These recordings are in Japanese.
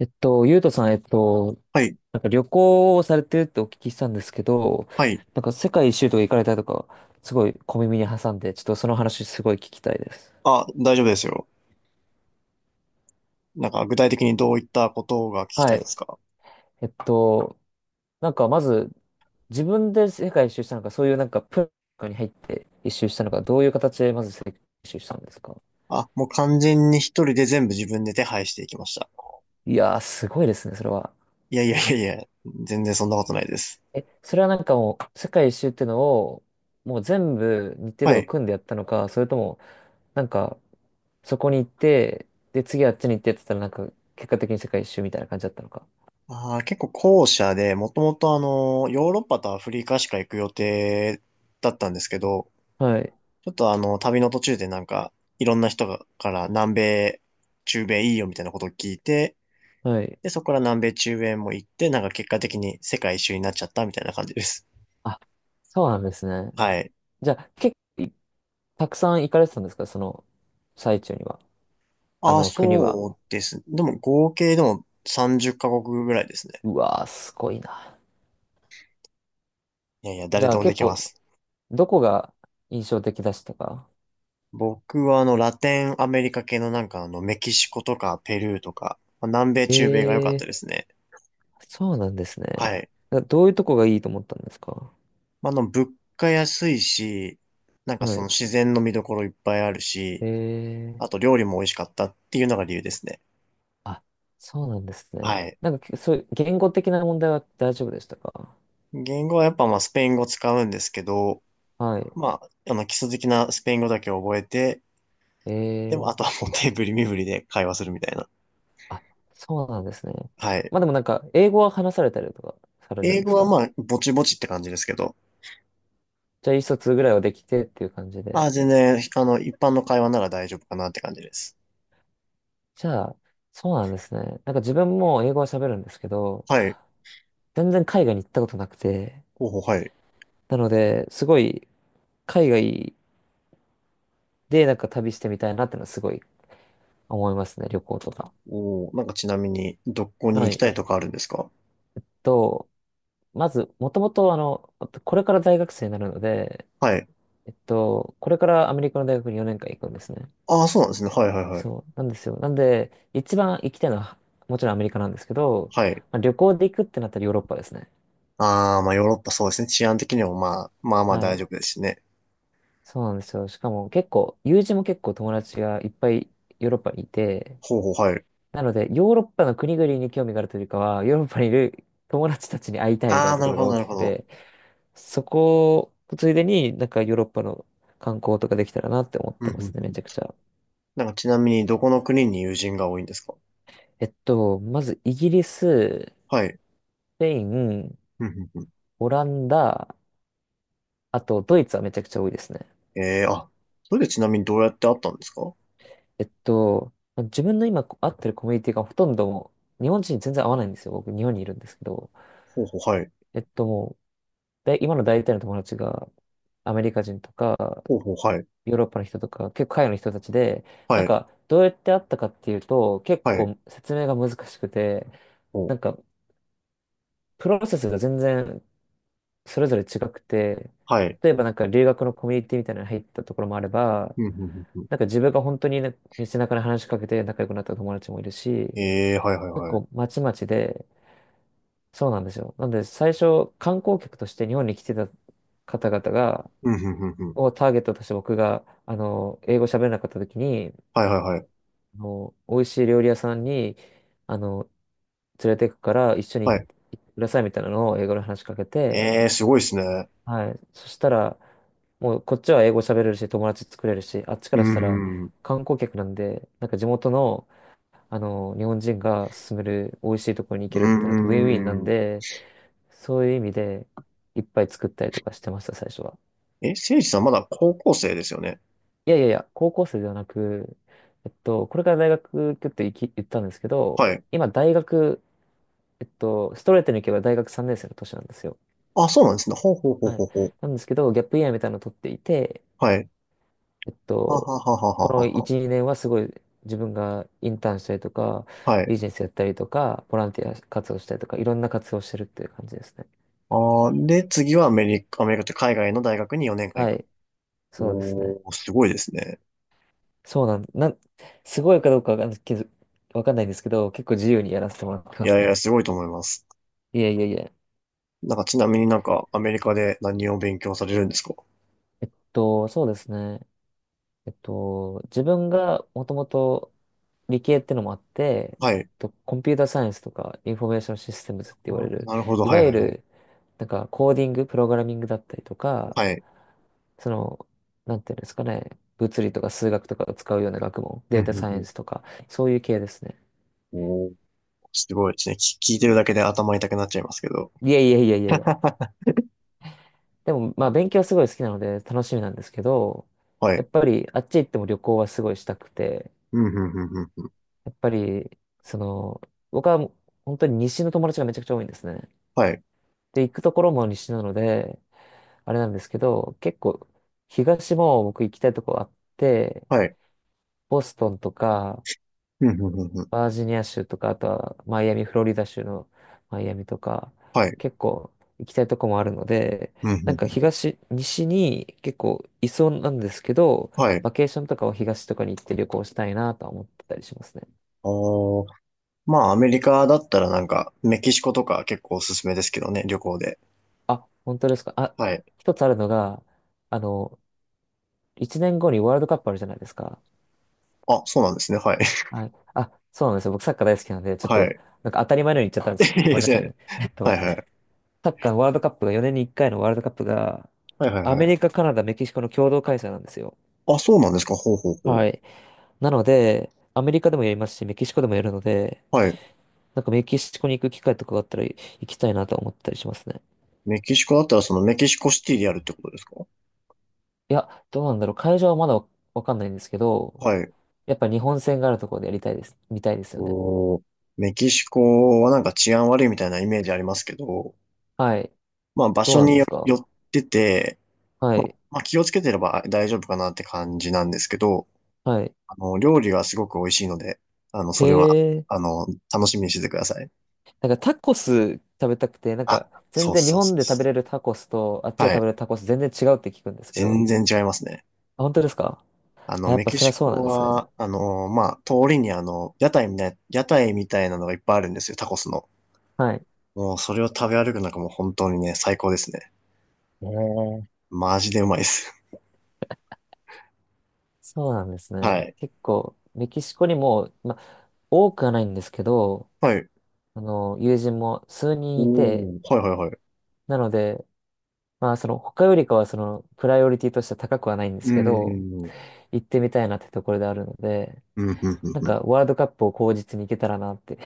ゆうとさん、はい、なんか旅行をされてるってお聞きしたんですけど、はい。なんか世界一周とか行かれたとか、すごい小耳に挟んで、ちょっとその話すごい聞きたいです。あ、大丈夫ですよ。なんか具体的にどういったことが聞きたはいでい。すか？えっと、なんかまず、自分で世界一周したのか、そういうなんかプロに入って一周したのか、どういう形でまず世界一周したんですか？あ、もう完全に一人で全部自分で手配していきました。いやー、すごいですね、それは。いやいやいやいや、全然そんなことないです。え、それはなんかもう、世界一周ってのを、もう全部日程はとかい。組んでやったのか、それとも、なんか、そこに行って、で、次あっちに行ってって言ったら、なんか、結果的に世界一周みたいな感じだったのか。あー、結構後者で、もともとあの、ヨーロッパとアフリカしか行く予定だったんですけど、はい。ちょっとあの、旅の途中でなんか、いろんな人がから南米、中米いいよみたいなことを聞いて、はい。で、そこから南米、中米も行って、なんか結果的に世界一周になっちゃったみたいな感じです。あ、そうなんですね。はい。じゃあ、結構、たくさん行かれてたんですか、その、最中には。ああ、の、国は。そうですね。でも合計でも30カ国ぐらいですね。うわー、すごいな。いやいや、じ誰ゃであ、もで結きま構、す。どこが印象的でしたか？僕はあの、ラテンアメリカ系のなんかあの、メキシコとかペルーとか、まあ南米、中米が良かったええですね。ー、そうなんですね。はい。などういうとこがいいと思ったんですか？まあ、あの、物価安いし、なんかはそい。の自然の見どころいっぱいあるし、ええあーと料理も美味しかったっていうのが理由ですね。あ、そうなんですね。はい。なんか、そういう言語的な問題は大丈夫でしたか？言語はやっぱまあスペイン語使うんですけど、はい。まあ、あの基礎的なスペイン語だけ覚えて、でもあええとはもう手振り身振りで会話するみたいな。あ、そうなんですね。はい。まあでもなんか、英語は話されたりとかされる英んで語すはか？まあ、ぼちぼちって感じですけど。じゃあ、意思疎通ぐらいはできてっていう感じあで。あ、全然、あの、一般の会話なら大丈夫かなって感じです。じゃあ、そうなんですね。なんか自分も英語は喋るんですけど、はい。全然海外に行ったことなくて、候補、はい。なので、すごい海外でなんか旅してみたいなってのはすごい思いますね、旅行とか。おー、なんかちなみに、どこには行きい。たいとかあるんですか？と。まず、もともと、あの、これから大学生になるので、はい。これからアメリカの大学に4年間行くんですね。ああ、そうなんですね。はいはいはい。そう、なんですよ。なんで、一番行きたいのは、もちろんアメリカなんですけど、はい。まあ、旅行で行くってなったらヨーロッパですね。ああ、まあ、ヨーロッパそうですね。治安的にもまあ、まあまあは大丈い。夫ですしね。そうなんですよ。しかも結構、友人も結構友達がいっぱいヨーロッパにいて、ほうほう、はい。なので、ヨーロッパの国々に興味があるというよりかは、ヨーロッパにいる友達たちに会いたいみたいあなあ、となこるろほがど、大なるきほくど。て、そこ、ついでになんかヨーロッパの観光とかできたらなって思っうんてうますんね、うめちゃくん。ちゃ。なんかちなみに、どこの国に友人が多いんですか？まずイギリス、スはい。ペイン、うんうんうん。オランダ、あとドイツはめちゃくちゃ多いですね。ええーあ、それでちなみにどうやって会ったんですか？ほまあ自分の今会ってるコミュニティがほとんどもう日本人に全然合わないんですよ。僕日本にいるんですけど。うほう、はい。えっともう、で、今の大体の友達がアメリカ人とか、ほうほう、はい。ヨーロッパの人とか、結構海外の人たちで、なはんい。か、どうやって会ったかっていうと、結はい。構説明が難しくて、お、なんか、プロセスが全然それぞれ違くて、はい。例えばなんか留学のコミュニティみたいなのに入ったところもあれば、うん、うん、うん、うん。なんか自分が本当にね道中で話しかけて仲良くなった友達もいるし、ええ、はいはい結はい。構まちまちで、そうなんですよ。なので最初観光客として日本に来てた方々が、うん、うん、うん、うん。をターゲットとして僕が、あの、英語喋れなかった時に、はいはいはい。あの、美味しい料理屋さんに、あの、連れて行くから一緒に行はっい。てくださいみたいなのを英語で話しかけて、ええ、すごいですね。はい。そしたら、もうこっちは英語喋れるし、友達作れるし、あっちかうらしたらん、うん、観光客なんで、なんか地元の、あの、日本人が勧める美味しいところに行うけるってなるとウィンウィンなん。んうん。で、そういう意味でいっぱい作ったりとかしてました、最初は。え、せいじさんまだ高校生ですよね。いやいやいや、高校生ではなく、これから大学行くって言き言ったんですけど、はい。今大学、ストレートに行けば大学3年生の年なんですよ。あ、そうなんですね。ほうほうほうはほい。うほう。なんですけど、ギャップイヤーみたいなのを取っていて、はい。えっはと、はははこはのは1、2年はすごい自分がインターンしたりとか、は。はい。ビジネスやったりとか、ボランティア活動したりとか、いろんな活動をしてるっていう感じですね。あーで、次はアメリカ、アメリカって海外の大学に4年間は行く。い。そうですね。おー、すごいですね。そうなん、なん、すごいかどうかわかんないけど、わかんないんですけど、結構自由にやらせてもらっていまやすいね。や、すごいと思います。いえいえいえ。なんか、ちなみになんか、アメリカで何を勉強されるんですか？そうですね。自分がもともと理系ってのもあって、はい。コンピューターサイエンスとかインフォメーションシステムズってあ言われーる、なるほど。いはわいゆはいはい。る、なんかコーディング、プログラミングだったりとか、はい。その、なんていうんですかね、物理とか数学とかを使うような学問、データサイエンスとか、そういう系ですね。おーすごいですね。聞いてるだけで頭痛くなっちゃいますけど。いやいやいやいやいや。でも、まああ勉強はすごい好きなので楽しみなんですけど、はやい。っぱりあっち行っても旅行はすごいしたくて、うん、うん、うん、うん。やっぱり、その、僕は本当に西の友達がめちゃくちゃ多いんですね。はい。で、行くところも西なので、あれなんですけど、結構、東も僕行きたいとこあって、はい。ボストンとか、うん、うん、うん、うん。バージニア州とか、あとはマイアミ、フロリダ州のマイアミとか、はい。結構行きたいとこもあるので、うん、うん、なうんかん。東、西に結構いそうなんですけど、はい。バケーションとかは東とかに行って旅行したいなとは思ってたりしますね。おー。まあ、アメリカだったらなんか、メキシコとか結構おすすめですけどね、旅行で。あ、本当ですか。あ、はい。一つあるのが、あの、1年後にワールドカップあるじゃないですか。あ、そうなんですね。はい。はい。あ、そうなんですよ。僕サッカー大好きなんで、ち ょっはと、い。なんか当たり前のように言っちゃったんで す。いいごめでんなすさいね。ね。えっはと、い、はい。サッカーのワールドカップが、4年に1回のワールドカップが、はい、はい、アはメリい。カ、カナダ、メキシコの共同開催なんですよ。あ、そうなんですか。ほうほうほう。はい。なので、アメリカでもやりますし、メキシコでもやるので、はい。なんかメキシコに行く機会とかがあったら行きたいなと思ったりしますね。メキシコだったらそのメキシコシティでやるってことですか？いや、どうなんだろう。会場はまだわかんないんですけど、はい。やっぱ日本戦があるところでやりたいです。見たいですよね。おー。メキシコはなんか治安悪いみたいなイメージありますけど、はい。まあ場どう所なんにでよすよか？ってて、はい。まあ気をつけてれば大丈夫かなって感じなんですけど、はい。あの、料理がすごく美味しいので、あの、へそれは、え。あの、楽しみにしててください。なんかタコス食べたくて、なんあ、か全そう然日そうそ本うで食べそれるタコスとあっちう。では食べれい。るタコス全然違うって聞くんですけ全ど。然違いますね。あ、本当ですか？あの、あ、やっメぱキそれはシそうなんコですね。は、あの、まあ、通りにあの、屋台みたいなのがいっぱいあるんですよ、タコスの。はい。もう、それを食べ歩くのがもう本当にね、最高ですね。へえ。マジでうまいです。そうなんです はね。い。結構、メキシコにも、ま、多くはないんですけど、はい。あの、友人も数人いて、おー、はいはいはい。なので、まあ、その、他よりかは、その、プライオリティとしては高くはないんでうすけん、ど、うん、行ってみたいなってところであるので、うん、うん、うん、うん。なんうん。かワールドカップを口実に行けたらなって。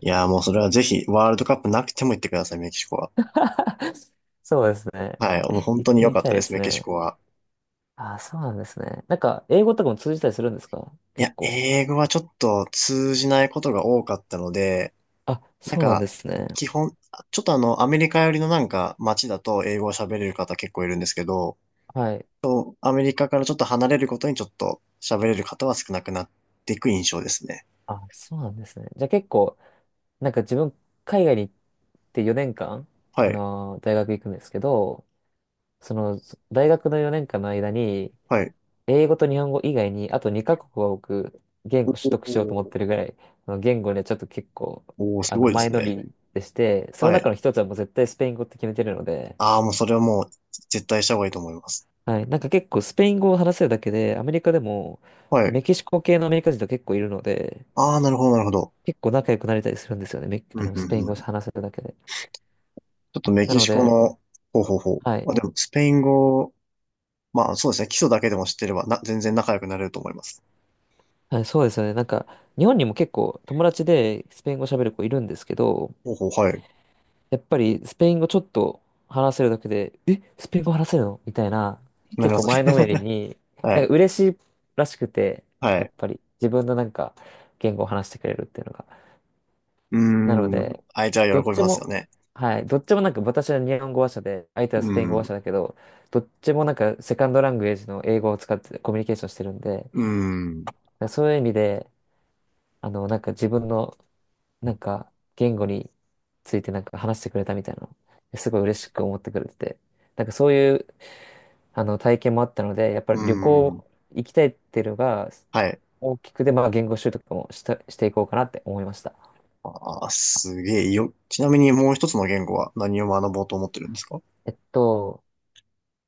いやー、もうそれはぜひ、ワールドカップなくても行ってください、メキシコは。そうですね。はい、もう本行っ当にて良みかったいたでです、すメキシね。コは。ああ、そうなんですね。なんか、英語とかも通じたりするんですか、い結や、構。英語はちょっと通じないことが多かったので、あ、なんそうなんでか、すね。基本、ちょっとあの、アメリカ寄りのなんか街だと英語を喋れる方結構いるんですけど、はい。そうアメリカからちょっと離れることにちょっと喋れる方は少なくなっていく印象ですね。あ、そうなんですね。じゃあ結構、なんか自分、海外に行って4年間、はあい、のー大学行くんですけど、その、大学の4年間の間に、はい。英語と日本語以外に、あと2カ国は僕、言お語取ー得しようと思ってるぐらい、あの言語ね、ちょっと結構、おおあすごの、いで前す乗ね。りでして、そのは中い。の一つはもう絶対スペイン語って決めてるので、ああ、もうそれはもう絶対した方がいいと思います。はい、なんか結構スペイン語を話せるだけで、アメリカでも、はい。メキシコ系のアメリカ人と結構いるので、ああ、なるほど、なるほど。結構仲良くなれたりするんですよね、あうんの、うんスペインう語をん。話せるだけで。ちょっとメなキのシコで、の、ほうほうほう。はい、まあ、でも、スペイン語、まあそうですね。基礎だけでも知ってれば、全然仲良くなれると思います。はい、そうですよね、なんか、日本にも結構友達でスペイン語喋る子いるんですけど、ほうほう、はい。やっぱりスペイン語ちょっと話せるだけで、え、スペイン語話せるのみたいな、なり結ま構すね。前のめりに、はなんい。か嬉しいらしくて、はやっい。ぱり自分のなんか言語を話してくれるっていうのが。うなのーん。で、相手どはっ喜びちますよも、ね。はい、どっちもなんか私は日本語話者で、相手はスうペイン語話ん、者だけど、どっちもなんかセカンドラングエージの英語を使ってコミュニケーションしてるんで、うん、そういう意味で、あの、なんか自分のなんか、言語についてなんか話してくれたみたいなの、すごい嬉しく思ってくれてて、なんかそういう、あの、体験もあったので、やっぱうり旅行ん。行きたいっていうのがはい。大きくで、まあ言語習得もした、していこうかなって思いました。ああ、すげえよ。ちなみにもう一つの言語は何を学ぼうと思ってるんですか？えっと、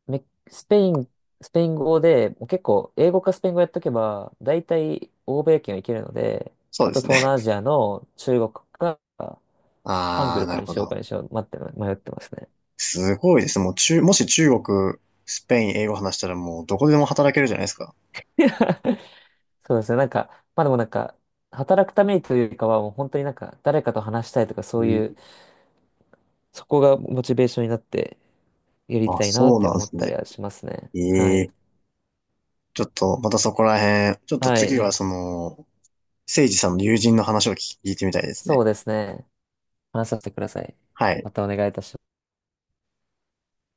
メスペイン、スペイン語で、もう結構英語かスペイン語やっとけば、大体欧米圏はいけるので、そうあでとす東ね。南アジアの中国か、ハンあグあ、ルなかるにほしようど。かにしよう、待って、迷ってますね。すごいです。もし中国、スペイン、英語話したらもうどこでも働けるじゃないですか。そうですね。なんか、まあでもなんか、働くためにというよりかは、もう本当になんか、誰かと話したいとか、そういう、そこがモチベーションになって、やりあ、たいなっそうてなんで思っすたりね。はしますね。はえい。え。ちょっと、またそこら辺、ちょっとは次い。はその、誠治さんの友人の話を聞いてみたいですそね。うですね。話させてください。はい。またお願いいたします。